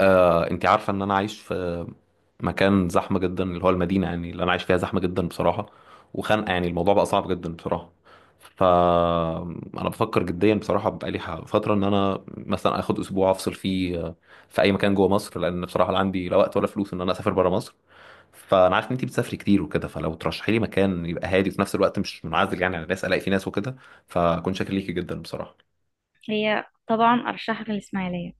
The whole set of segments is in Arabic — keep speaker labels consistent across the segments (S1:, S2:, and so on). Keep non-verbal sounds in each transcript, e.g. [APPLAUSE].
S1: انت عارفة ان انا عايش في مكان زحمة جدا، اللي هو المدينة، يعني اللي انا عايش فيها زحمة جدا بصراحة وخانقة. يعني الموضوع بقى صعب جدا بصراحة. ف انا بفكر جديا بصراحة، بقالي فترة ان انا مثلا اخد اسبوع افصل فيه في اي مكان جوه مصر، لان بصراحة لا عندي لا وقت ولا فلوس ان انا اسافر بره مصر. فانا عارف ان انت بتسافري كتير وكده، فلو ترشحي لي مكان يبقى هادي وفي نفس الوقت مش منعزل يعني على الناس، الاقي فيه ناس وكده، فكنت شاكر ليكي جدا بصراحة.
S2: هي طبعا أرشحك الإسماعيلية.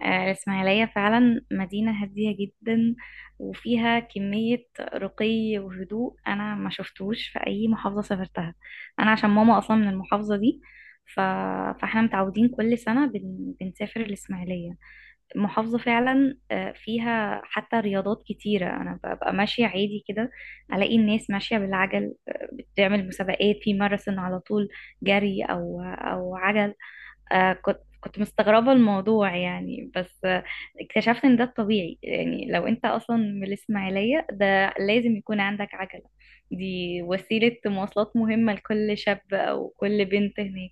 S2: الإسماعيلية فعلا مدينة هادية جدا، وفيها كمية رقي وهدوء أنا ما شفتوش في أي محافظة سافرتها. أنا عشان ماما أصلا من المحافظة دي. ف... فاحنا متعودين كل سنة بنسافر الإسماعيلية. المحافظة فعلا فيها حتى رياضات كتيرة، أنا ببقى ماشية عادي كده ألاقي الناس ماشية بالعجل، بتعمل مسابقات في ماراثون على طول، جري أو عجل. كنت مستغربة الموضوع يعني، بس اكتشفت ان ده الطبيعي، يعني لو انت اصلا من الاسماعيلية ده لازم يكون عندك عجلة. دي وسيلة مواصلات مهمة لكل شاب او كل بنت هناك.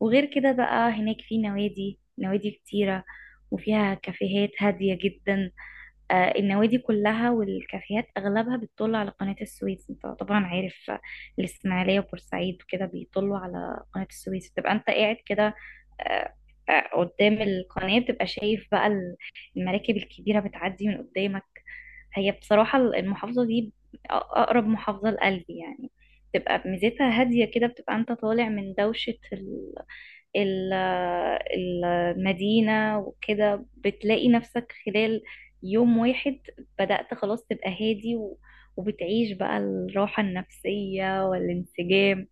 S2: وغير كده بقى هناك في نوادي كتيرة، وفيها كافيهات هادية جدا. النوادي كلها والكافيهات اغلبها بتطل على قناة السويس، انت طبعا عارف، الاسماعيلية وبورسعيد وكده بيطلوا على قناة السويس، بتبقى انت قاعد كده آه، قدام القناة، بتبقى شايف بقى المراكب الكبيرة بتعدي من قدامك. هي بصراحة المحافظة دي أقرب محافظة لقلبي يعني، بتبقى ميزتها هادية كده، بتبقى أنت طالع من دوشة ال- المدينة، وكده بتلاقي نفسك خلال يوم واحد بدأت خلاص تبقى هادي وبتعيش بقى الراحة النفسية والانسجام.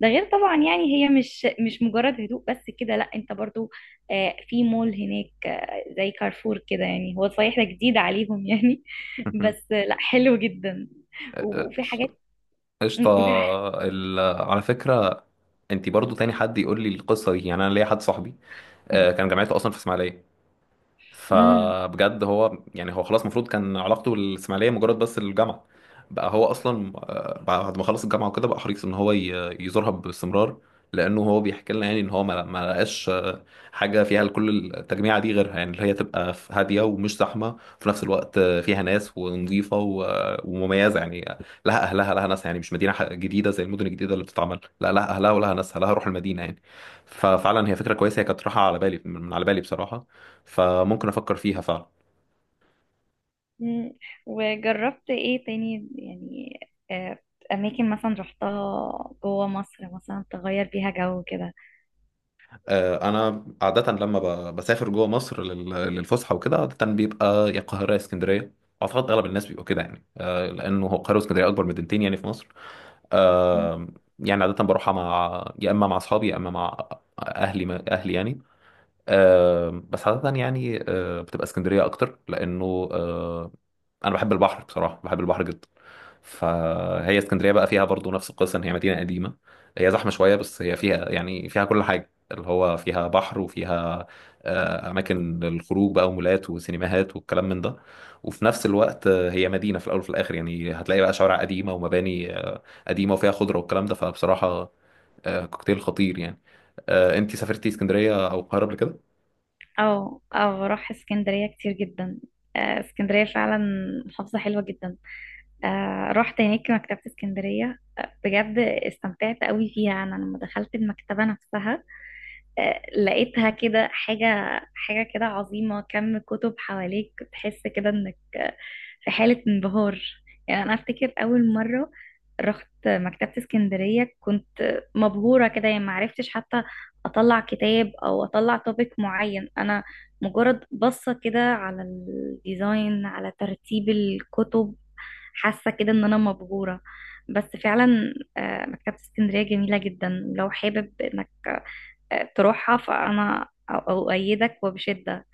S2: ده غير طبعا يعني هي مش مجرد هدوء بس كده، لا انت برضو في مول هناك زي كارفور كده، يعني هو صحيح ده جديد عليهم يعني [LAUGHS] بس
S1: [LAUGHS]
S2: لا حلو جدا. وفي
S1: قشطة،
S2: حاجات
S1: قشطة.
S2: وفي
S1: على فكرة، انت برضو تاني حد يقول لي القصه دي. يعني انا ليا حد صاحبي كان
S2: [LAUGHS]
S1: جامعته اصلا في اسماعيليه.
S2: مم.
S1: فبجد هو، يعني هو خلاص المفروض كان علاقته بالاسماعيليه مجرد بس الجامعه، بقى هو اصلا بعد ما خلص الجامعه وكده بقى حريص ان هو يزورها باستمرار، لانه هو بيحكي لنا يعني ان هو ما لقاش حاجه فيها كل التجميعه دي غيرها، يعني اللي هي تبقى هاديه ومش زحمه وفي نفس الوقت فيها ناس، ونظيفه ومميزه يعني، لها اهلها لها ناسها، يعني مش مدينه جديده زي المدن الجديده اللي بتتعمل، لا لها اهلها ولها ناسها، لها روح المدينه يعني. ففعلا هي فكره كويسه، هي كانت راحه على بالي، من على بالي بصراحه، فممكن افكر فيها فعلا.
S2: مم. وجربت ايه تاني يعني؟ آه، اماكن مثلا رحتها جوه مصر، مثلا تغير بيها جو كده؟
S1: انا عاده لما بسافر جوه مصر للفسحه وكده، عاده بيبقى يا القاهره يا اسكندريه. اعتقد اغلب الناس بيبقوا كده، يعني لانه هو القاهره واسكندريه اكبر مدينتين يعني في مصر.
S2: مم.
S1: آه، يعني عاده بروحها مع يا اما مع اصحابي يا اما مع اهلي، اهلي يعني. بس عادة يعني بتبقى اسكندرية أكتر، لأنه آه أنا بحب البحر بصراحة، بحب البحر جدا. فهي اسكندرية بقى فيها برضو نفس القصة، إن هي مدينة قديمة. هي زحمة شوية بس هي فيها، يعني فيها كل حاجة، اللي هو فيها بحر وفيها أماكن للخروج بقى ومولات وسينماهات والكلام من ده. وفي نفس الوقت هي مدينة في الأول وفي الآخر، يعني هتلاقي بقى شوارع قديمة ومباني قديمة وفيها خضرة والكلام ده، فبصراحة كوكتيل خطير يعني. أنت سافرتي اسكندرية أو القاهرة قبل كده؟
S2: او بروح اسكندرية كتير جدا. اسكندرية فعلا محافظة حلوة جدا. رحت هناك مكتبة اسكندرية، بجد استمتعت قوي فيها. انا لما دخلت المكتبة نفسها لقيتها كده حاجة، حاجة كده عظيمة، كم كتب حواليك تحس كده انك في حالة انبهار. يعني انا افتكر اول مرة رحت مكتبة اسكندرية كنت مبهورة كده، يعني معرفتش حتى اطلع كتاب او اطلع توبيك معين. انا مجرد بصة كده على الديزاين، على ترتيب الكتب، حاسة كده ان انا مبهورة. بس فعلا مكتبة اسكندرية جميلة جدا، لو حابب انك تروحها فأنا أؤيدك وبشدة.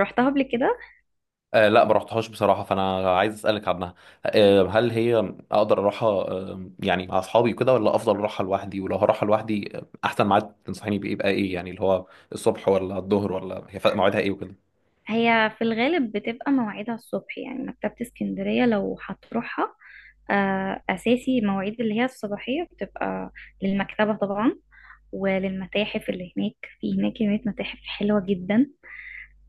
S2: روحتها قبل كده؟
S1: لا، ما رحتهاش بصراحة، فأنا عايز أسألك عنها. هل هي أقدر أروحها يعني مع أصحابي كده ولا أفضل أروحها لوحدي؟ ولو هروحها لوحدي أحسن ميعاد تنصحيني بإيه؟ يبقى إيه يعني، اللي هو الصبح ولا الظهر، ولا هي موعدها إيه وكده؟
S2: هي في الغالب بتبقى مواعيدها الصبح، يعني مكتبة اسكندرية لو هتروحها أساسي مواعيد اللي هي الصباحية، بتبقى للمكتبة طبعا وللمتاحف اللي هناك. في هناك كمية متاحف حلوة جدا.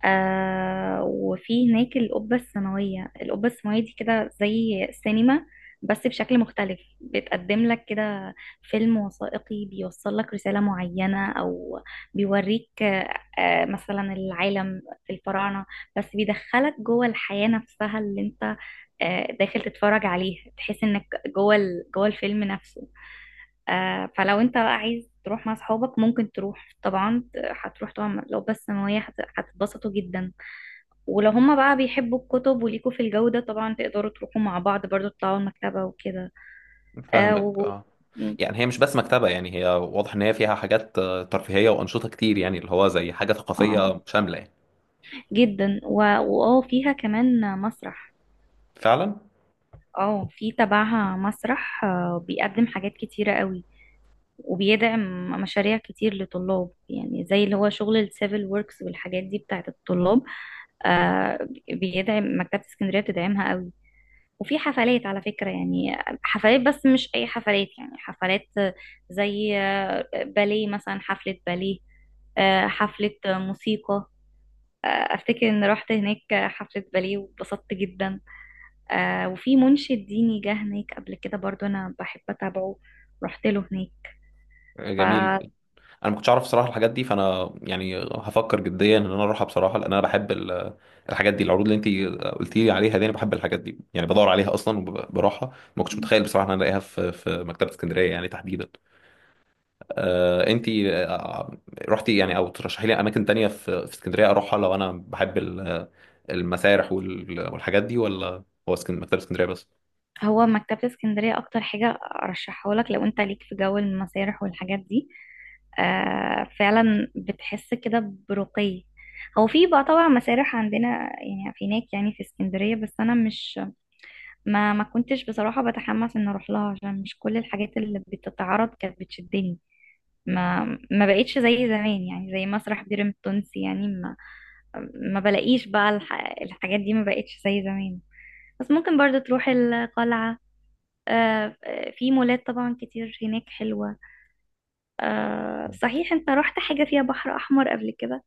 S2: وفي هناك القبة السماوية. القبة السماوية دي كده زي سينما بس بشكل مختلف، بتقدم لك كده فيلم وثائقي بيوصل لك رسالة معينة، أو بيوريك مثلا العالم الفراعنة، بس بيدخلك جوه الحياة نفسها اللي انت داخل تتفرج عليها، تحس انك جوه الفيلم نفسه. فلو انت بقى عايز تروح مع اصحابك ممكن تروح طبعا، هتروح طبعا. لو بس ثانوية هتتبسطوا جدا. ولو هما بقى بيحبوا الكتب وليكوا في الجو ده طبعا تقدروا تروحوا مع بعض برضو، تطلعوا المكتبة وكده. اه
S1: فاهمك. يعني هي مش بس مكتبة، يعني هي واضح إن هي فيها حاجات ترفيهية وأنشطة كتير، يعني اللي هو زي حاجة
S2: اه
S1: ثقافية شاملة يعني.
S2: جدا واه فيها كمان مسرح.
S1: فعلا.
S2: اه، في تبعها مسرح، بيقدم حاجات كتيرة قوي وبيدعم مشاريع كتير لطلاب، يعني زي اللي هو شغل السيفل ووركس والحاجات دي بتاعت الطلاب، آه بيدعم مكتبة اسكندرية، بتدعمها قوي. وفي حفلات على فكرة يعني، حفلات بس مش أي حفلات، يعني حفلات زي باليه مثلا، حفلة باليه، حفلة موسيقى. أفتكر إن رحت هناك حفلة باليه واتبسطت جدا. وفي منشد ديني جه هناك قبل كده برضو، أنا بحب أتابعه رحت له هناك.
S1: جميل. انا ما كنتش اعرف صراحه الحاجات دي. فانا يعني هفكر جديا ان انا اروحها بصراحه، لان انا بحب الحاجات دي، العروض اللي انت قلتي لي عليها دي، انا بحب الحاجات دي يعني، بدور عليها اصلا وبروحها. ما كنتش متخيل بصراحه ان انا الاقيها في في مكتبه اسكندريه يعني تحديدا. انت رحتي يعني، او ترشحي لي اماكن تانية في اسكندريه اروحها، لو انا بحب المسارح والحاجات دي، ولا هو مكتبه اسكندريه بس؟
S2: هو مكتبة اسكندرية أكتر حاجة أرشحه لك لو أنت ليك في جو المسارح والحاجات دي. فعلا بتحس كده برقي. هو في بقى طبعا مسارح عندنا يعني، في هناك يعني في اسكندرية، بس أنا مش ما ما كنتش بصراحة بتحمس إن أروح لها عشان مش كل الحاجات اللي بتتعرض كانت بتشدني. ما ما بقتش زي زمان، يعني زي مسرح بيرم التونسي، يعني ما بلاقيش بقى الحاجات دي، ما بقتش زي زمان. بس ممكن برضو تروح القلعة. آه، في مولات طبعا كتير هناك حلوة. صحيح انت رحت حاجة فيها بحر أحمر قبل كده؟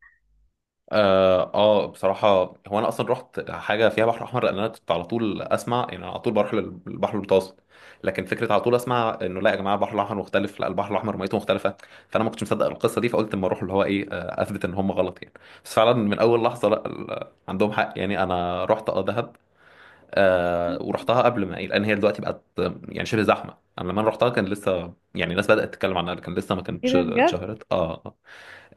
S1: بصراحة، هو انا اصلا رحت حاجة فيها بحر احمر، لان انا كنت على طول اسمع، يعني أنا على طول بروح للبحر المتوسط، لكن فكرة على طول اسمع انه لا يا جماعة البحر الاحمر مختلف، لا، البحر الاحمر ميته مختلفة. فانا ما كنتش مصدق القصة دي، فقلت اما اروح اللي هو ايه اثبت ان هم غلط يعني. بس فعلا من اول لحظة، لا عندهم حق يعني. انا رحت دهب، ورحتها قبل ما إيه، لان هي دلوقتي بقت يعني شبه زحمة. لما انا رحتها كان لسه يعني الناس بدأت تتكلم عنها، كان لسه ما
S2: ايه
S1: كانتش
S2: ده بجد؟
S1: اتشهرت.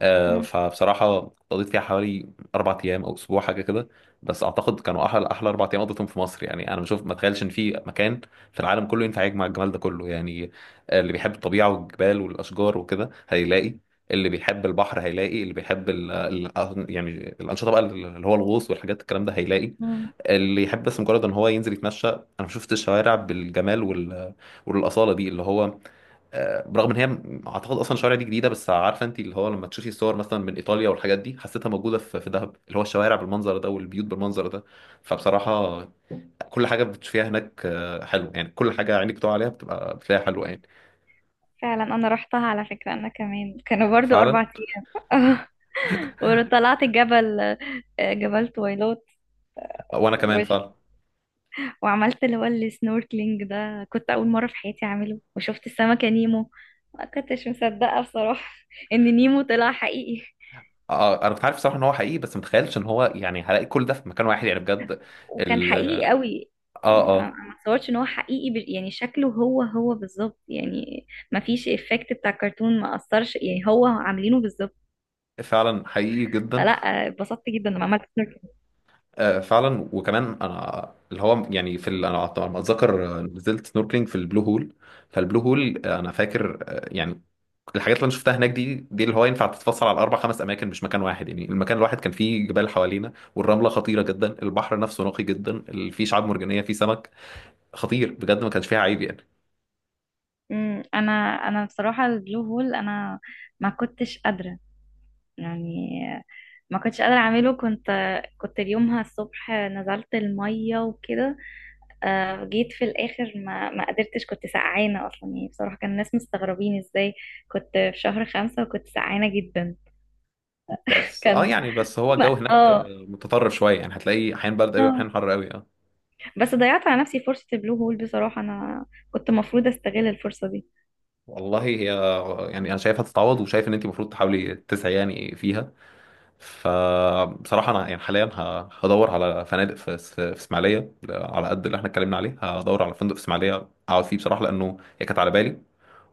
S2: مم.
S1: فبصراحة قضيت فيها حوالي 4 أيام أو أسبوع حاجة كده. بس أعتقد كانوا أحلى، أحلى 4 أيام قضيتهم في مصر يعني. أنا بشوف، ما أتخيلش إن في مكان في العالم كله ينفع يجمع الجمال ده كله يعني. اللي بيحب الطبيعة والجبال والأشجار وكده هيلاقي، اللي بيحب البحر هيلاقي، اللي بيحب ال ال يعني الأنشطة بقى، اللي هو الغوص والحاجات الكلام ده هيلاقي،
S2: مم.
S1: اللي يحب بس مجرد إن هو ينزل يتمشى. أنا شفت الشوارع بالجمال والأصالة دي، اللي هو برغم ان هي اعتقد اصلا الشوارع دي جديده، بس عارفه انت، اللي هو لما تشوفي الصور مثلا من ايطاليا والحاجات دي، حسيتها موجوده في دهب، اللي هو الشوارع بالمنظر ده والبيوت بالمنظر ده. فبصراحه كل حاجه بتشوفيها هناك حلو يعني، كل حاجه عينك بتقع عليها بتبقى بتلاقيها حلوه يعني.
S2: فعلا انا رحتها، على فكرة انا كمان كانوا برضو اربع
S1: فعلا.
S2: ايام [LAUGHS]
S1: [LAUGHS]
S2: وطلعت جبل، جبل تويلات،
S1: وانا كمان
S2: وش
S1: فعلا.
S2: وعملت اللي هو السنوركلينج ده، كنت أول مرة في حياتي أعمله، وشفت السمكة نيمو. ما كنتش مصدقة بصراحة [LAUGHS] إن نيمو طلع حقيقي.
S1: آه، انا كنت عارف صراحه ان هو حقيقي، بس متخيلش ان هو يعني هلاقي كل ده في مكان واحد يعني، بجد.
S2: وكان
S1: ال
S2: حقيقي قوي،
S1: اه
S2: يعني انا
S1: اه
S2: أنا ما اتصورش ان هو حقيقي، يعني شكله هو هو بالظبط يعني، ما فيش افكت بتاع الكرتون، ما اثرش، يعني هو عاملينه بالظبط.
S1: فعلا حقيقي جدا.
S2: فلا اتبسطت جدا لما عملت سيركل.
S1: فعلا. وكمان انا اللي هو يعني انا على ما اتذكر نزلت سنوركلينج في البلو هول. فالبلو هول انا فاكر يعني الحاجات اللي انا شفتها هناك دي، اللي هو ينفع تتفصل على 4 5 اماكن مش مكان واحد. يعني المكان الواحد كان فيه جبال حوالينا والرمله خطيره جدا، البحر نفسه نقي جدا، فيه شعاب مرجانيه، فيه سمك خطير بجد، ما كانش فيها عيب يعني.
S2: امم انا انا بصراحه البلو هول، انا ما كنتش قادره يعني ما كنتش قادره اعمله، كنت يومها الصبح نزلت الميه وكده جيت في الاخر ما قدرتش، كنت سقعانه اصلا يعني، بصراحه كان الناس مستغربين ازاي كنت في شهر 5 وكنت سقعانه جدا.
S1: بس اه
S2: كان
S1: يعني بس هو
S2: [LAUGHS]
S1: الجو
S2: ما
S1: هناك متطرف شويه، يعني هتلاقي احيان برد قوي
S2: اه
S1: واحيان حر قوي
S2: بس ضيعت على نفسي فرصة البلو هول بصراحة، انا كنت مفروض استغل الفرصة دي.
S1: والله هي يعني انا شايفها تتعوض، وشايف ان انت المفروض تحاولي تسعي يعني فيها. فبصراحة أنا يعني حاليا هدور على فنادق في في إسماعيلية، على قد اللي احنا اتكلمنا عليه، هدور على فندق في إسماعيلية أقعد فيه بصراحة، لأنه هي كانت على بالي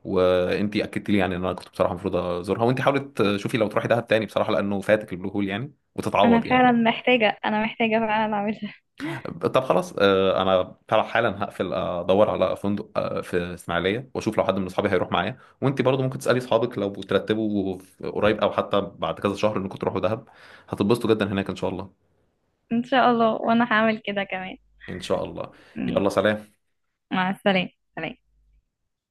S1: وأنتي أكدت لي يعني إن أنا كنت بصراحة المفروض أزورها. وأنتي حاولت تشوفي لو تروحي دهب تاني بصراحة، لأنه فاتك البلو هول يعني،
S2: انا
S1: وتتعوض
S2: فعلا
S1: يعني.
S2: محتاجة، انا محتاجة فعلا اعملها.
S1: طب خلاص، أنا فعلا حالا هقفل، أدور على فندق في إسماعيلية، وأشوف لو حد من أصحابي هيروح معايا. وأنتي برضه ممكن تسألي أصحابك لو ترتبوا قريب أو حتى بعد كذا شهر إنكم تروحوا دهب، هتتبسطوا جدا هناك إن شاء الله.
S2: [LAUGHS] ان شاء الله، وانا هعمل كده كمان.
S1: ان شاء الله.
S2: ميس.
S1: يلا، سلام.
S2: مع السلامة. سلام.